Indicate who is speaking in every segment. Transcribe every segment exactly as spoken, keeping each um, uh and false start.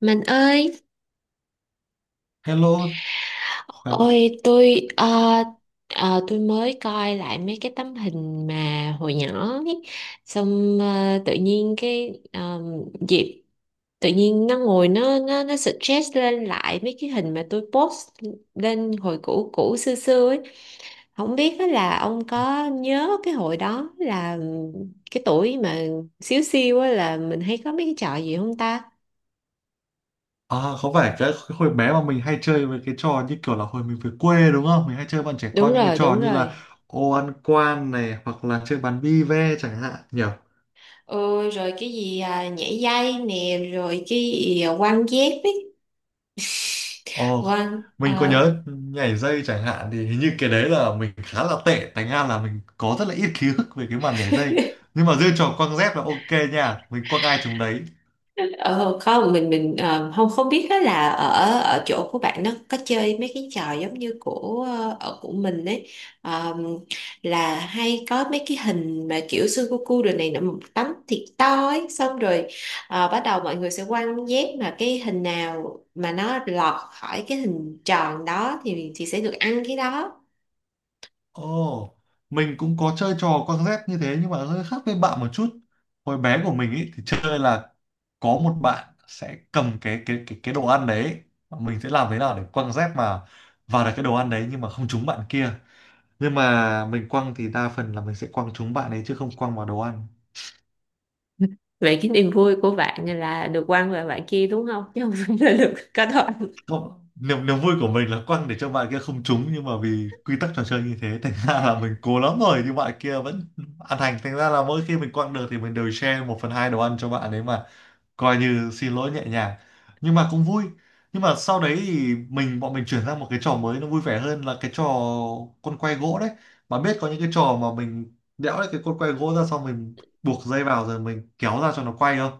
Speaker 1: Mình ơi,
Speaker 2: Hello. Khỏe-
Speaker 1: Ôi tôi ờ, ờ, tôi mới coi lại mấy cái tấm hình mà hồi nhỏ ấy. Xong ờ, tự nhiên cái ờ, dịp tự nhiên nó ngồi nó nó nó suggest lên lại mấy cái hình mà tôi post lên hồi cũ cũ xưa xưa ấy. Không biết á là ông có nhớ cái hồi đó là cái tuổi mà xíu xiu á là mình hay có mấy cái trò gì không ta?
Speaker 2: À, có phải cái cái hồi bé mà mình hay chơi với cái trò như kiểu là hồi mình về quê đúng không? Mình hay chơi bọn trẻ
Speaker 1: Đúng
Speaker 2: con những cái
Speaker 1: rồi,
Speaker 2: trò
Speaker 1: đúng
Speaker 2: như là
Speaker 1: rồi.
Speaker 2: ô ăn quan này hoặc là chơi bắn bi ve chẳng hạn nhỉ?
Speaker 1: Ừ, rồi cái gì à, nhảy dây nè rồi cái gì à, quăng dép ấy.
Speaker 2: Ồ,
Speaker 1: Quăng
Speaker 2: mình có
Speaker 1: ờ
Speaker 2: nhớ nhảy dây chẳng hạn thì hình như cái đấy là mình khá là tệ thành ra là mình có rất là ít ký ức về cái màn nhảy dây. Nhưng mà riêng trò quăng dép là ok nha, mình quăng ai chúng đấy.
Speaker 1: ờ, Không mình mình ờ, không không biết đó là ở ở chỗ của bạn nó có chơi mấy cái trò giống như của ờ, ở của mình ấy. Ờ, là hay có mấy cái hình mà kiểu sudoku rồi này nọ một tấm thiệt to ấy xong rồi ờ, bắt đầu mọi người sẽ quăng dép mà cái hình nào mà nó lọt khỏi cái hình tròn đó thì thì sẽ được ăn cái đó.
Speaker 2: Ồ, mình cũng có chơi trò quăng dép như thế nhưng mà hơi khác với bạn một chút. Hồi bé của mình ý, thì chơi là có một bạn sẽ cầm cái cái cái cái đồ ăn đấy, mình sẽ làm thế nào để quăng dép mà vào được cái đồ ăn đấy nhưng mà không trúng bạn kia. Nhưng mà mình quăng thì đa phần là mình sẽ quăng trúng bạn ấy chứ không quăng vào đồ ăn.
Speaker 1: Vậy cái niềm vui của bạn là được quăng vào bạn kia đúng không, chứ không phải là được có thôi?
Speaker 2: Không, niềm niềm vui của mình là quăng để cho bạn kia không trúng nhưng mà vì quy tắc trò chơi như thế thành ra là mình cố lắm rồi nhưng bạn kia vẫn ăn hành, thành ra là mỗi khi mình quăng được thì mình đều share một phần hai đồ ăn cho bạn ấy mà coi như xin lỗi nhẹ nhàng, nhưng mà cũng vui. Nhưng mà sau đấy thì mình bọn mình chuyển sang một cái trò mới nó vui vẻ hơn là cái trò con quay gỗ đấy. Bạn biết có những cái trò mà mình đẽo lấy cái con quay gỗ ra xong mình buộc dây vào rồi mình kéo ra cho nó quay không?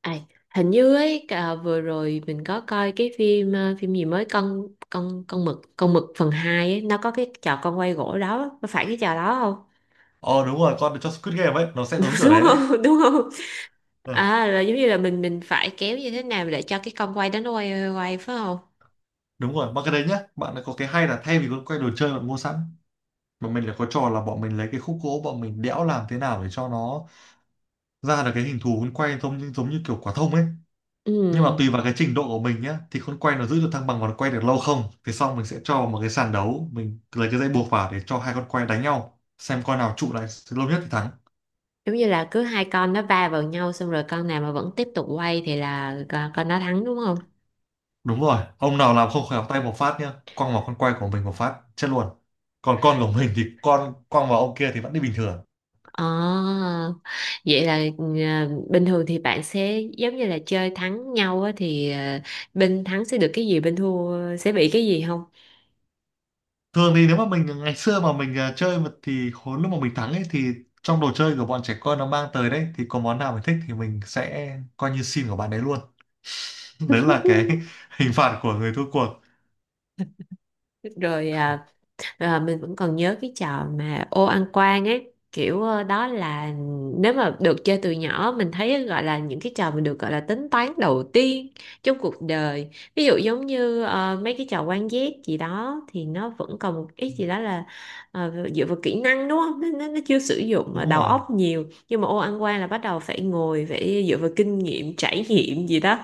Speaker 1: À, hình như ấy cả vừa rồi mình có coi cái phim, ờ, phim gì mới, con con con mực con mực phần hai ấy, nó có cái trò con quay gỗ đó, có phải cái trò đó không?
Speaker 2: Ờ đúng rồi, con cho Squid Game ấy nó sẽ
Speaker 1: Đúng
Speaker 2: giống kiểu
Speaker 1: đúng
Speaker 2: đấy đấy.
Speaker 1: không, đúng không?
Speaker 2: Ờ,
Speaker 1: À là giống như là mình mình phải kéo như thế nào để cho cái con quay đó nó quay quay, quay phải không?
Speaker 2: đúng rồi, mà cái đấy nhá bạn lại có cái hay là thay vì con quay đồ chơi bạn mua sẵn mà mình lại có trò là bọn mình lấy cái khúc gỗ bọn mình đẽo làm thế nào để cho nó ra được cái hình thù con quay giống như giống như kiểu quả thông ấy. Nhưng mà
Speaker 1: Ừ,
Speaker 2: tùy vào cái trình độ của mình nhé thì con quay nó giữ được thăng bằng và nó quay được lâu không, thì xong mình sẽ cho vào một cái sàn đấu, mình lấy cái dây buộc vào để cho hai con quay đánh nhau xem con nào trụ lại lâu nhất thì thắng.
Speaker 1: giống như là cứ hai con nó va vào nhau xong rồi con nào mà vẫn tiếp tục quay thì là con, con nó thắng đúng không?
Speaker 2: Đúng rồi, ông nào làm không khéo tay một phát nhá quăng vào con quay của mình một phát chết luôn, còn con của mình thì con quăng vào ông kia thì vẫn đi bình thường.
Speaker 1: À, vậy là à, bình thường thì bạn sẽ giống như là chơi thắng nhau á, thì à, bên thắng sẽ được cái gì, bên thua sẽ bị cái gì không?
Speaker 2: Thường thì nếu mà mình ngày xưa mà mình à, chơi mà thì hồi lúc mà mình thắng ấy thì trong đồ chơi của bọn trẻ con nó mang tới đấy thì có món nào mình thích thì mình sẽ coi như xin của bạn đấy luôn. Đấy là cái hình phạt của người thua cuộc.
Speaker 1: Rồi à, Ờ, Mình vẫn còn nhớ cái trò mà ô ăn quan ấy, kiểu ờ, đó là nếu mà được chơi từ nhỏ mình thấy gọi là những cái trò mình được gọi là tính toán đầu tiên trong cuộc đời. Ví dụ giống như ờ, mấy cái trò quan giác gì đó thì nó vẫn còn một ít gì đó là ờ, dựa vào kỹ năng đúng không, nó, nó, nó chưa sử dụng mà
Speaker 2: Đúng
Speaker 1: đầu
Speaker 2: rồi.
Speaker 1: óc nhiều, nhưng mà ô ăn quan là bắt đầu phải ngồi phải dựa vào kinh nghiệm trải nghiệm gì đó.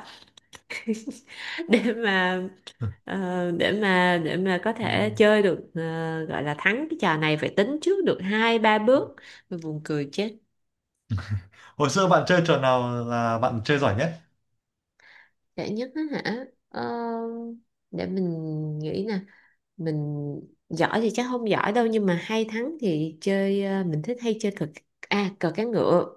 Speaker 1: để mà Ờ, để mà để mà có
Speaker 2: Ừ.
Speaker 1: thể chơi được, ờ, gọi là thắng cái trò này phải tính trước được hai ba bước. Mình buồn cười chết.
Speaker 2: Hồi xưa bạn chơi trò nào là bạn chơi giỏi nhất?
Speaker 1: Dễ nhất á hả? Ờ, để mình nghĩ nè. Mình giỏi thì chắc không giỏi đâu, nhưng mà hay thắng thì chơi, ờ, mình thích hay chơi cờ. À, cờ cá ngựa.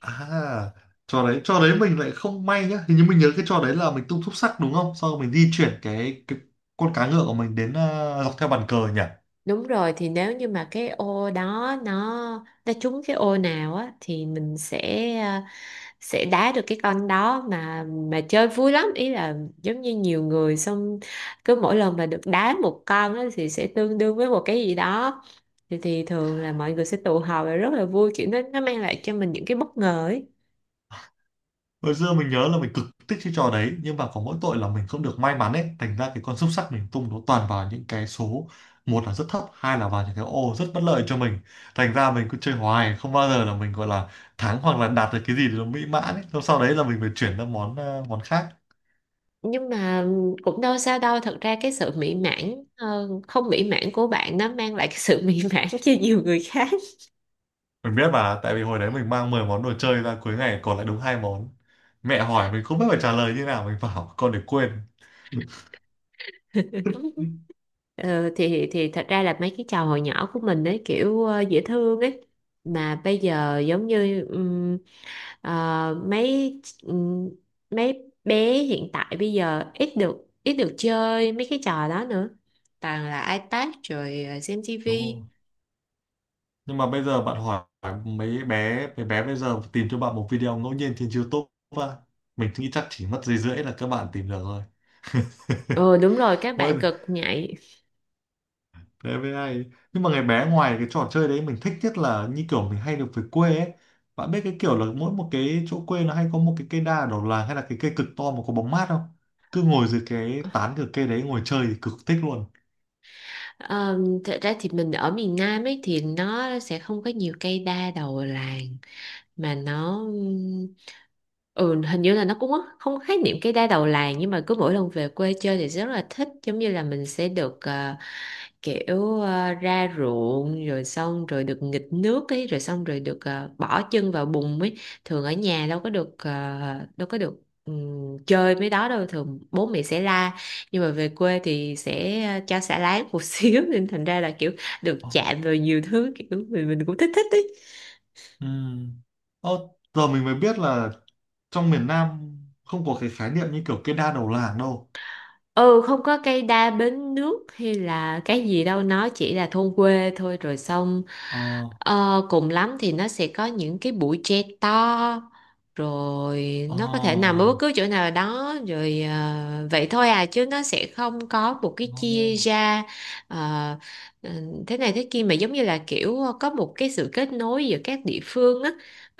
Speaker 2: À, trò đấy, trò đấy mình lại không may nhá. Hình như mình nhớ cái trò đấy là mình tung thúp sắc đúng không? Sau rồi mình di chuyển cái cái con cá ngựa của mình đến, à, dọc theo bàn cờ nhỉ?
Speaker 1: Đúng rồi, thì nếu như mà cái ô đó nó nó trúng cái ô nào á thì mình sẽ, ờ, sẽ đá được cái con đó mà. Mà chơi vui lắm, ý là giống như nhiều người xong cứ mỗi lần mà được đá một con á thì sẽ tương đương với một cái gì đó, thì, thì thường là mọi người sẽ tụ họp và rất là vui, kiểu nó nó mang lại cho mình những cái bất ngờ ấy.
Speaker 2: Hồi xưa mình nhớ là mình cực thích cái trò đấy nhưng mà có mỗi tội là mình không được may mắn ấy, thành ra cái con xúc xắc mình tung nó toàn vào những cái số, một là rất thấp, hai là vào những cái ô rất bất lợi cho mình, thành ra mình cứ chơi hoài không bao giờ là mình gọi là thắng hoặc là đạt được cái gì thì nó mỹ mãn ấy. Xong sau đấy là mình phải chuyển sang món ờ, món khác.
Speaker 1: Nhưng mà cũng đâu sao đâu, thật ra cái sự mỹ mãn, ờ, không mỹ mãn của bạn nó mang lại cái sự mỹ mãn cho nhiều người khác.
Speaker 2: Mình biết mà, tại vì hồi đấy mình mang mười món đồ chơi ra cuối ngày còn lại đúng hai món, mẹ hỏi mình không biết phải trả lời như nào, mình bảo con để quên.
Speaker 1: Ờ, thì thì thật ra là mấy cái trò hồi nhỏ của mình ấy kiểu ờ, dễ thương ấy, mà bây giờ giống như Ờ, mấy mấy bé hiện tại bây giờ ít được ít được chơi mấy cái trò đó nữa. Toàn là iPad rồi ờ, xem
Speaker 2: Đúng không?
Speaker 1: tivi.
Speaker 2: Nhưng mà bây giờ bạn hỏi mấy bé mấy bé bây giờ tìm cho bạn một video ngẫu nhiên trên YouTube á, mình nghĩ chắc chỉ mất giây rưỡi là các bạn tìm được rồi.
Speaker 1: Ừ đúng rồi, các bạn
Speaker 2: Mỗi
Speaker 1: cực nhạy.
Speaker 2: đấy với ai, nhưng mà ngày bé ngoài cái trò chơi đấy mình thích nhất là như kiểu mình hay được về quê ấy, bạn biết cái kiểu là mỗi một cái chỗ quê nó hay có một cái cây đa ở đầu làng hay là cái cây cực to mà có bóng mát không, cứ ngồi dưới cái tán của cây đấy ngồi chơi thì cực thích luôn.
Speaker 1: Ờ, thật ra thì mình ở miền Nam ấy thì nó sẽ không có nhiều cây đa đầu làng. Mà nó ừ hình như là nó cũng không khái niệm cái đa đầu làng, nhưng mà cứ mỗi lần về quê chơi thì rất là thích, giống như là mình sẽ được ờ, kiểu ờ, ra ruộng rồi xong rồi được nghịch nước ấy, rồi xong rồi được ờ, bỏ chân vào bùn ấy. Thường ở nhà đâu có được, ờ, đâu có được ừm, chơi mấy đó đâu, thường bố mẹ sẽ la, nhưng mà về quê thì sẽ ờ, cho xả láng một xíu, nên thành ra là kiểu được
Speaker 2: Ờ,
Speaker 1: chạm vào nhiều thứ, kiểu mình mình cũng thích thích ấy.
Speaker 2: ừm. Ờ, giờ mình mới biết là trong miền Nam không có cái khái niệm như kiểu cây đa đầu làng đâu.
Speaker 1: Ừ, không có cây đa bến nước hay là cái gì đâu, nó chỉ là thôn quê thôi, rồi xong
Speaker 2: Ờ,
Speaker 1: ờ, cùng lắm thì nó sẽ có những cái bụi tre to, rồi
Speaker 2: ờ,
Speaker 1: nó có thể nằm ở bất cứ chỗ nào đó, rồi ờ, vậy thôi à, chứ nó sẽ không có một cái
Speaker 2: ờ,
Speaker 1: chia ra ờ, ừ, thế này thế kia, mà giống như là kiểu có một cái sự kết nối giữa các địa phương á.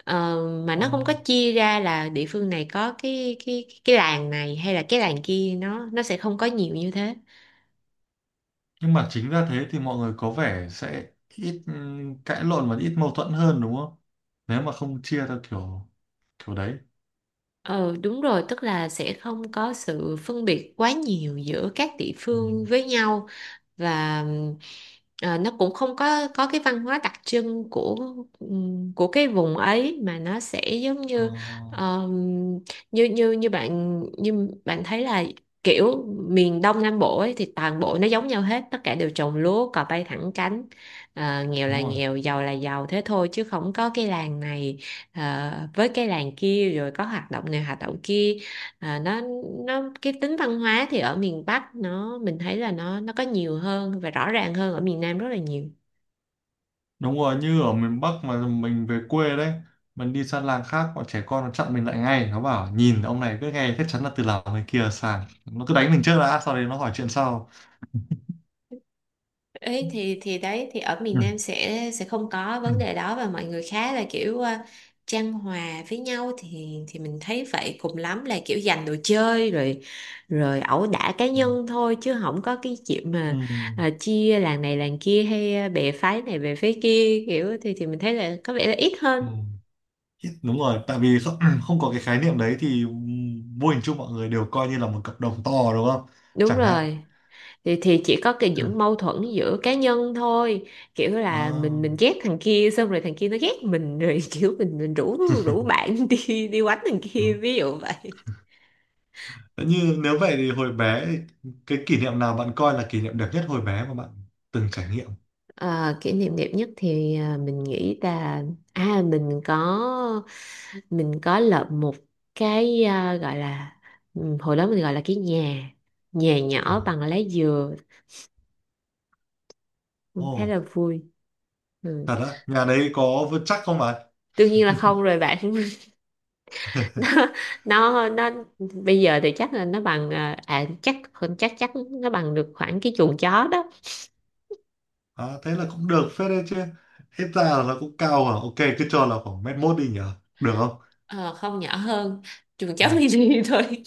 Speaker 1: Ờ, mà
Speaker 2: ờ.
Speaker 1: nó không có chia ra là địa phương này có cái cái cái làng này hay là cái làng kia, nó nó sẽ không có nhiều như thế.
Speaker 2: Nhưng mà chính ra thế thì mọi người có vẻ sẽ ít ừm, cãi lộn và ít mâu thuẫn hơn đúng không? Nếu mà không chia theo kiểu kiểu đấy.
Speaker 1: Ờ đúng rồi, tức là sẽ không có sự phân biệt quá nhiều giữa các địa
Speaker 2: Ừ.
Speaker 1: phương với nhau, và ừm, à, nó cũng không có có cái văn hóa đặc trưng của, ừm, của cái vùng ấy, mà nó sẽ giống
Speaker 2: Ờ,
Speaker 1: như, ờm, như như như bạn như bạn thấy là kiểu miền Đông Nam Bộ ấy thì toàn bộ nó giống nhau hết, tất cả đều trồng lúa, cò bay thẳng cánh. À, nghèo
Speaker 2: đúng
Speaker 1: là
Speaker 2: rồi.
Speaker 1: nghèo, giàu là giàu, thế thôi, chứ không có cái làng này ờ, với cái làng kia rồi có hoạt động này hoạt động kia. À, nó nó cái tính văn hóa thì ở miền Bắc nó mình thấy là nó nó có nhiều hơn và rõ ràng hơn ở miền Nam rất là nhiều.
Speaker 2: Đúng rồi, như ở miền Bắc mà mình về quê đấy, mình đi sang làng khác, bọn trẻ con nó chặn mình lại ngay, nó bảo nhìn ông này cứ nghe chắc chắn là từ làng người kia sang. Nó cứ đánh mình trước đã, sau đấy nó hỏi chuyện sau.
Speaker 1: Ấy thì thì đấy, thì ở miền
Speaker 2: Ừ.
Speaker 1: Nam sẽ sẽ không có
Speaker 2: Ừ.
Speaker 1: vấn đề đó, và mọi người khá là kiểu ờ, chan hòa với nhau, thì thì mình thấy vậy, cùng lắm là kiểu giành đồ chơi rồi, rồi ẩu đả cá nhân thôi, chứ không có cái chuyện
Speaker 2: Ừ.
Speaker 1: mà ờ, chia làng này làng kia, hay ờ, bè phái này bè phái kia kiểu, thì thì mình thấy là có vẻ là ít hơn.
Speaker 2: Ừ. Đúng rồi, tại vì không, không có cái khái niệm đấy thì vô hình chung mọi người đều coi như là một cặp đồng to đúng không,
Speaker 1: Đúng
Speaker 2: chẳng hạn.
Speaker 1: rồi, thì thì chỉ có cái
Speaker 2: Ừ.
Speaker 1: những mâu thuẫn giữa cá nhân thôi, kiểu là
Speaker 2: Ờ,
Speaker 1: mình mình ghét thằng kia, xong rồi thằng kia nó ghét mình rồi. Kiểu mình mình rủ rủ bạn đi đi quánh thằng kia
Speaker 2: đúng.
Speaker 1: ví dụ vậy.
Speaker 2: Thế như nếu vậy thì hồi bé cái kỷ niệm nào bạn coi là kỷ niệm đẹp nhất hồi bé mà bạn từng trải nghiệm?
Speaker 1: Ờ, kỷ niệm đẹp nhất thì à, mình nghĩ là, à mình có mình có lợp một cái, à, gọi là, ừm, hồi đó mình gọi là cái nhà nhà
Speaker 2: Ồ.
Speaker 1: nhỏ bằng lá dừa. Cũng
Speaker 2: Ồ
Speaker 1: khá là vui. Ừ.
Speaker 2: thật á, nhà đấy có vững chắc không bạn?
Speaker 1: Đương nhiên là không rồi bạn. nó nó nó bây giờ thì chắc là nó bằng, à, à, chắc chắc chắc nó bằng được khoảng cái chuồng chó đó.
Speaker 2: À, thế là cũng được phết đấy chứ, hết ra là nó cũng cao. À ok, cứ cho là khoảng mét mốt đi nhở, được không?
Speaker 1: Ờ, không, nhỏ hơn chuồng chó
Speaker 2: À,
Speaker 1: mini thôi.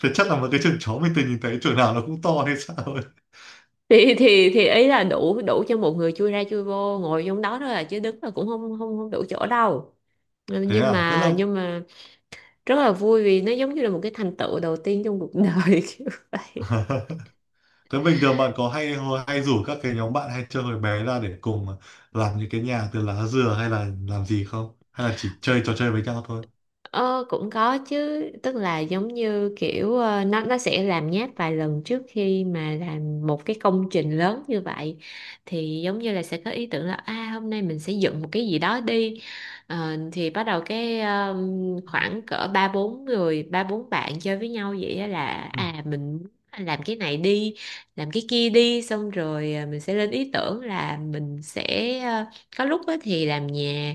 Speaker 2: thế chắc là một cái trường chó mình từng nhìn thấy trường nào nó cũng to hay sao?
Speaker 1: Thì thì thì ý là đủ đủ cho một người chui ra chui vô ngồi trong đó thôi, là chứ đứng là cũng không không không đủ chỗ đâu. Ừ,
Speaker 2: Thế
Speaker 1: nhưng
Speaker 2: à, tức là…
Speaker 1: mà nhưng mà rất là vui vì nó giống như là một cái thành tựu đầu tiên trong cuộc đời kiểu vậy.
Speaker 2: Thế bình thường bạn có hay hay rủ các cái nhóm bạn hay chơi hồi bé ra để cùng làm những cái nhà từ lá dừa hay là làm gì không, hay là chỉ chơi trò chơi với nhau thôi?
Speaker 1: Ờ, cũng có chứ, tức là giống như kiểu ờ, nó nó sẽ làm nháp vài lần trước khi mà làm một cái công trình lớn như vậy, thì giống như là sẽ có ý tưởng là, à, hôm nay mình sẽ dựng một cái gì đó đi. Ờ, thì bắt đầu cái, ờ, khoảng cỡ ba bốn người, ba bốn bạn chơi với nhau vậy á, là
Speaker 2: Ừ.
Speaker 1: à mình làm cái này đi, làm cái kia đi, xong rồi ờ, mình sẽ lên ý tưởng là mình sẽ, ờ, có lúc á thì làm nhà,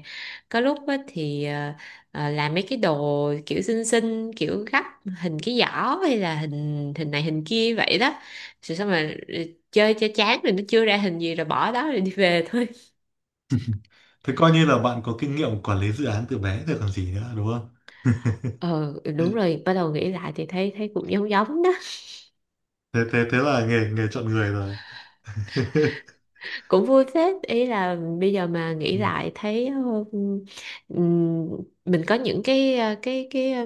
Speaker 1: có lúc á thì ờ, ờ, làm mấy cái đồ kiểu xinh xinh, kiểu gấp hình cái giỏ hay là hình hình này hình kia vậy đó, rồi xong mà chơi cho chán rồi nó chưa ra hình gì rồi bỏ đó rồi đi về thôi.
Speaker 2: Thế coi như là bạn có kinh nghiệm quản lý dự án từ bé rồi còn gì nữa đúng không?
Speaker 1: Ờ đúng rồi, bắt đầu nghĩ lại thì thấy thấy cũng giống giống đó.
Speaker 2: thế thế thế là nghề nghề chọn người rồi.
Speaker 1: Cũng vui phết, ý là bây giờ mà nghĩ
Speaker 2: Ừ.
Speaker 1: lại thấy, ờ, ừm, mình có những cái, ờ, cái cái ờ,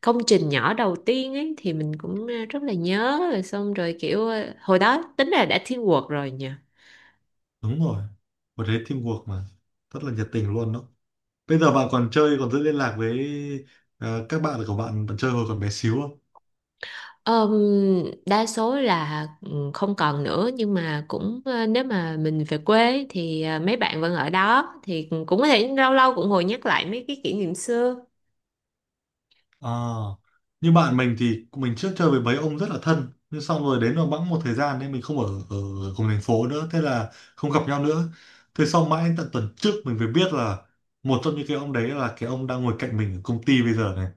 Speaker 1: công trình nhỏ đầu tiên ấy, thì mình cũng ờ, rất là nhớ, rồi xong rồi kiểu ờ, hồi đó tính là đã thiên quật rồi nhỉ.
Speaker 2: Đúng rồi, một thế teamwork mà rất là nhiệt tình luôn đó. Bây giờ bạn còn chơi, còn giữ liên lạc với ờ, các bạn của bạn bạn chơi hồi còn bé xíu?
Speaker 1: Ờm, đa số là, ừ, không còn nữa, nhưng mà cũng ờ, nếu mà mình về quê ấy, thì ờ, mấy bạn vẫn ở đó thì cũng có thể lâu lâu cũng ngồi nhắc lại mấy cái kỷ niệm xưa.
Speaker 2: À, như bạn mình thì mình trước chơi với mấy ông rất là thân nhưng xong rồi đến rồi bẵng một thời gian nên mình không ở ở cùng thành phố nữa, thế là không gặp nhau nữa. Thế sau mãi tận tuần trước mình mới biết là một trong những cái ông đấy là cái ông đang ngồi cạnh mình ở công ty bây giờ này.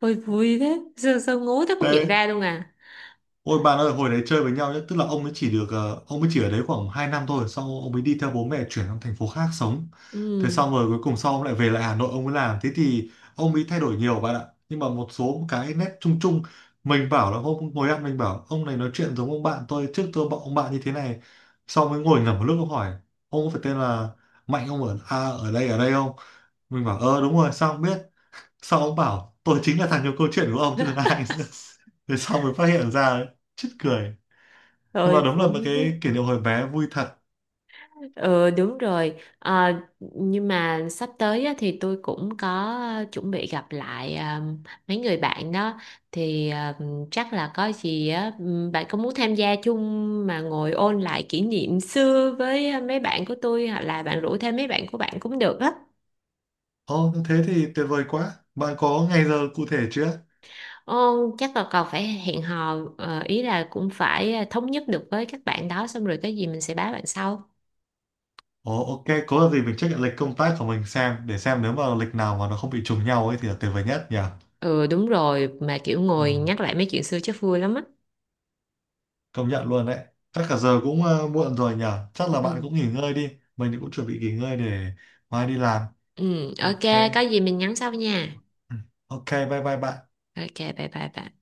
Speaker 1: Ôi vui thế, xưa sao ngố thế không nhận
Speaker 2: Thế
Speaker 1: ra luôn à?
Speaker 2: Ôi bạn ơi, hồi đấy chơi với nhau nhé, tức là ông ấy chỉ được ờ, ông ấy chỉ ở đấy khoảng hai năm thôi, sau ông ấy đi theo bố mẹ chuyển sang thành phố khác sống. Thế
Speaker 1: Ừ.
Speaker 2: xong rồi cuối cùng sau ông lại về lại Hà Nội ông ấy làm, thế thì ông ấy thay đổi nhiều bạn ạ. Nhưng mà một số cái nét chung chung, mình bảo là hôm ngồi ăn mình bảo ông này nói chuyện giống ông bạn tôi trước, tôi bảo ông bạn như thế này. Sau mới ngồi ngẫm một lúc ông hỏi ông có phải tên là Mạnh, ông ở à, ở đây ở đây không? Mình bảo ờ đúng rồi, sao ông biết? Sau ông bảo tôi chính là thằng nhiều câu chuyện của ông chứ còn ai nữa. Thế sau mới phát hiện ra, chết cười, nhưng
Speaker 1: Ôi
Speaker 2: mà đúng là một
Speaker 1: vui
Speaker 2: cái
Speaker 1: thế.
Speaker 2: kỷ niệm hồi bé vui thật.
Speaker 1: Ừ đúng rồi. Ờ, nhưng mà sắp tới á, thì tôi cũng có chuẩn bị gặp lại, à, mấy người bạn đó, thì à, chắc là có gì á, ừm, bạn có muốn tham gia chung mà ngồi ôn lại kỷ niệm xưa với, ờ, mấy bạn của tôi hoặc là bạn rủ thêm mấy bạn của bạn cũng được á.
Speaker 2: Ồ thế thì tuyệt vời quá, bạn có ngày giờ cụ thể chưa?
Speaker 1: Ồ, chắc là còn phải hẹn hò, ờ, ý là cũng phải ờ, thống nhất được với các bạn đó, xong rồi cái gì mình sẽ báo bạn sau.
Speaker 2: Ồ ok, có là gì mình check lại lịch công tác của mình xem, để xem nếu mà lịch nào mà nó không bị trùng nhau ấy thì là tuyệt vời nhất nhỉ.
Speaker 1: Ừ đúng rồi, mà kiểu
Speaker 2: Ừ,
Speaker 1: ngồi nhắc lại mấy chuyện xưa chắc vui lắm á.
Speaker 2: công nhận luôn đấy. Chắc cả giờ cũng ờ, muộn rồi nhỉ, chắc là bạn
Speaker 1: Ừ.
Speaker 2: cũng nghỉ ngơi đi. Mình thì cũng chuẩn bị nghỉ ngơi để mai đi làm.
Speaker 1: Ừ,
Speaker 2: Ok.
Speaker 1: ok, có gì mình nhắn sau nha.
Speaker 2: Ừ, ok bye bye bạn.
Speaker 1: Ok, bye bye bye.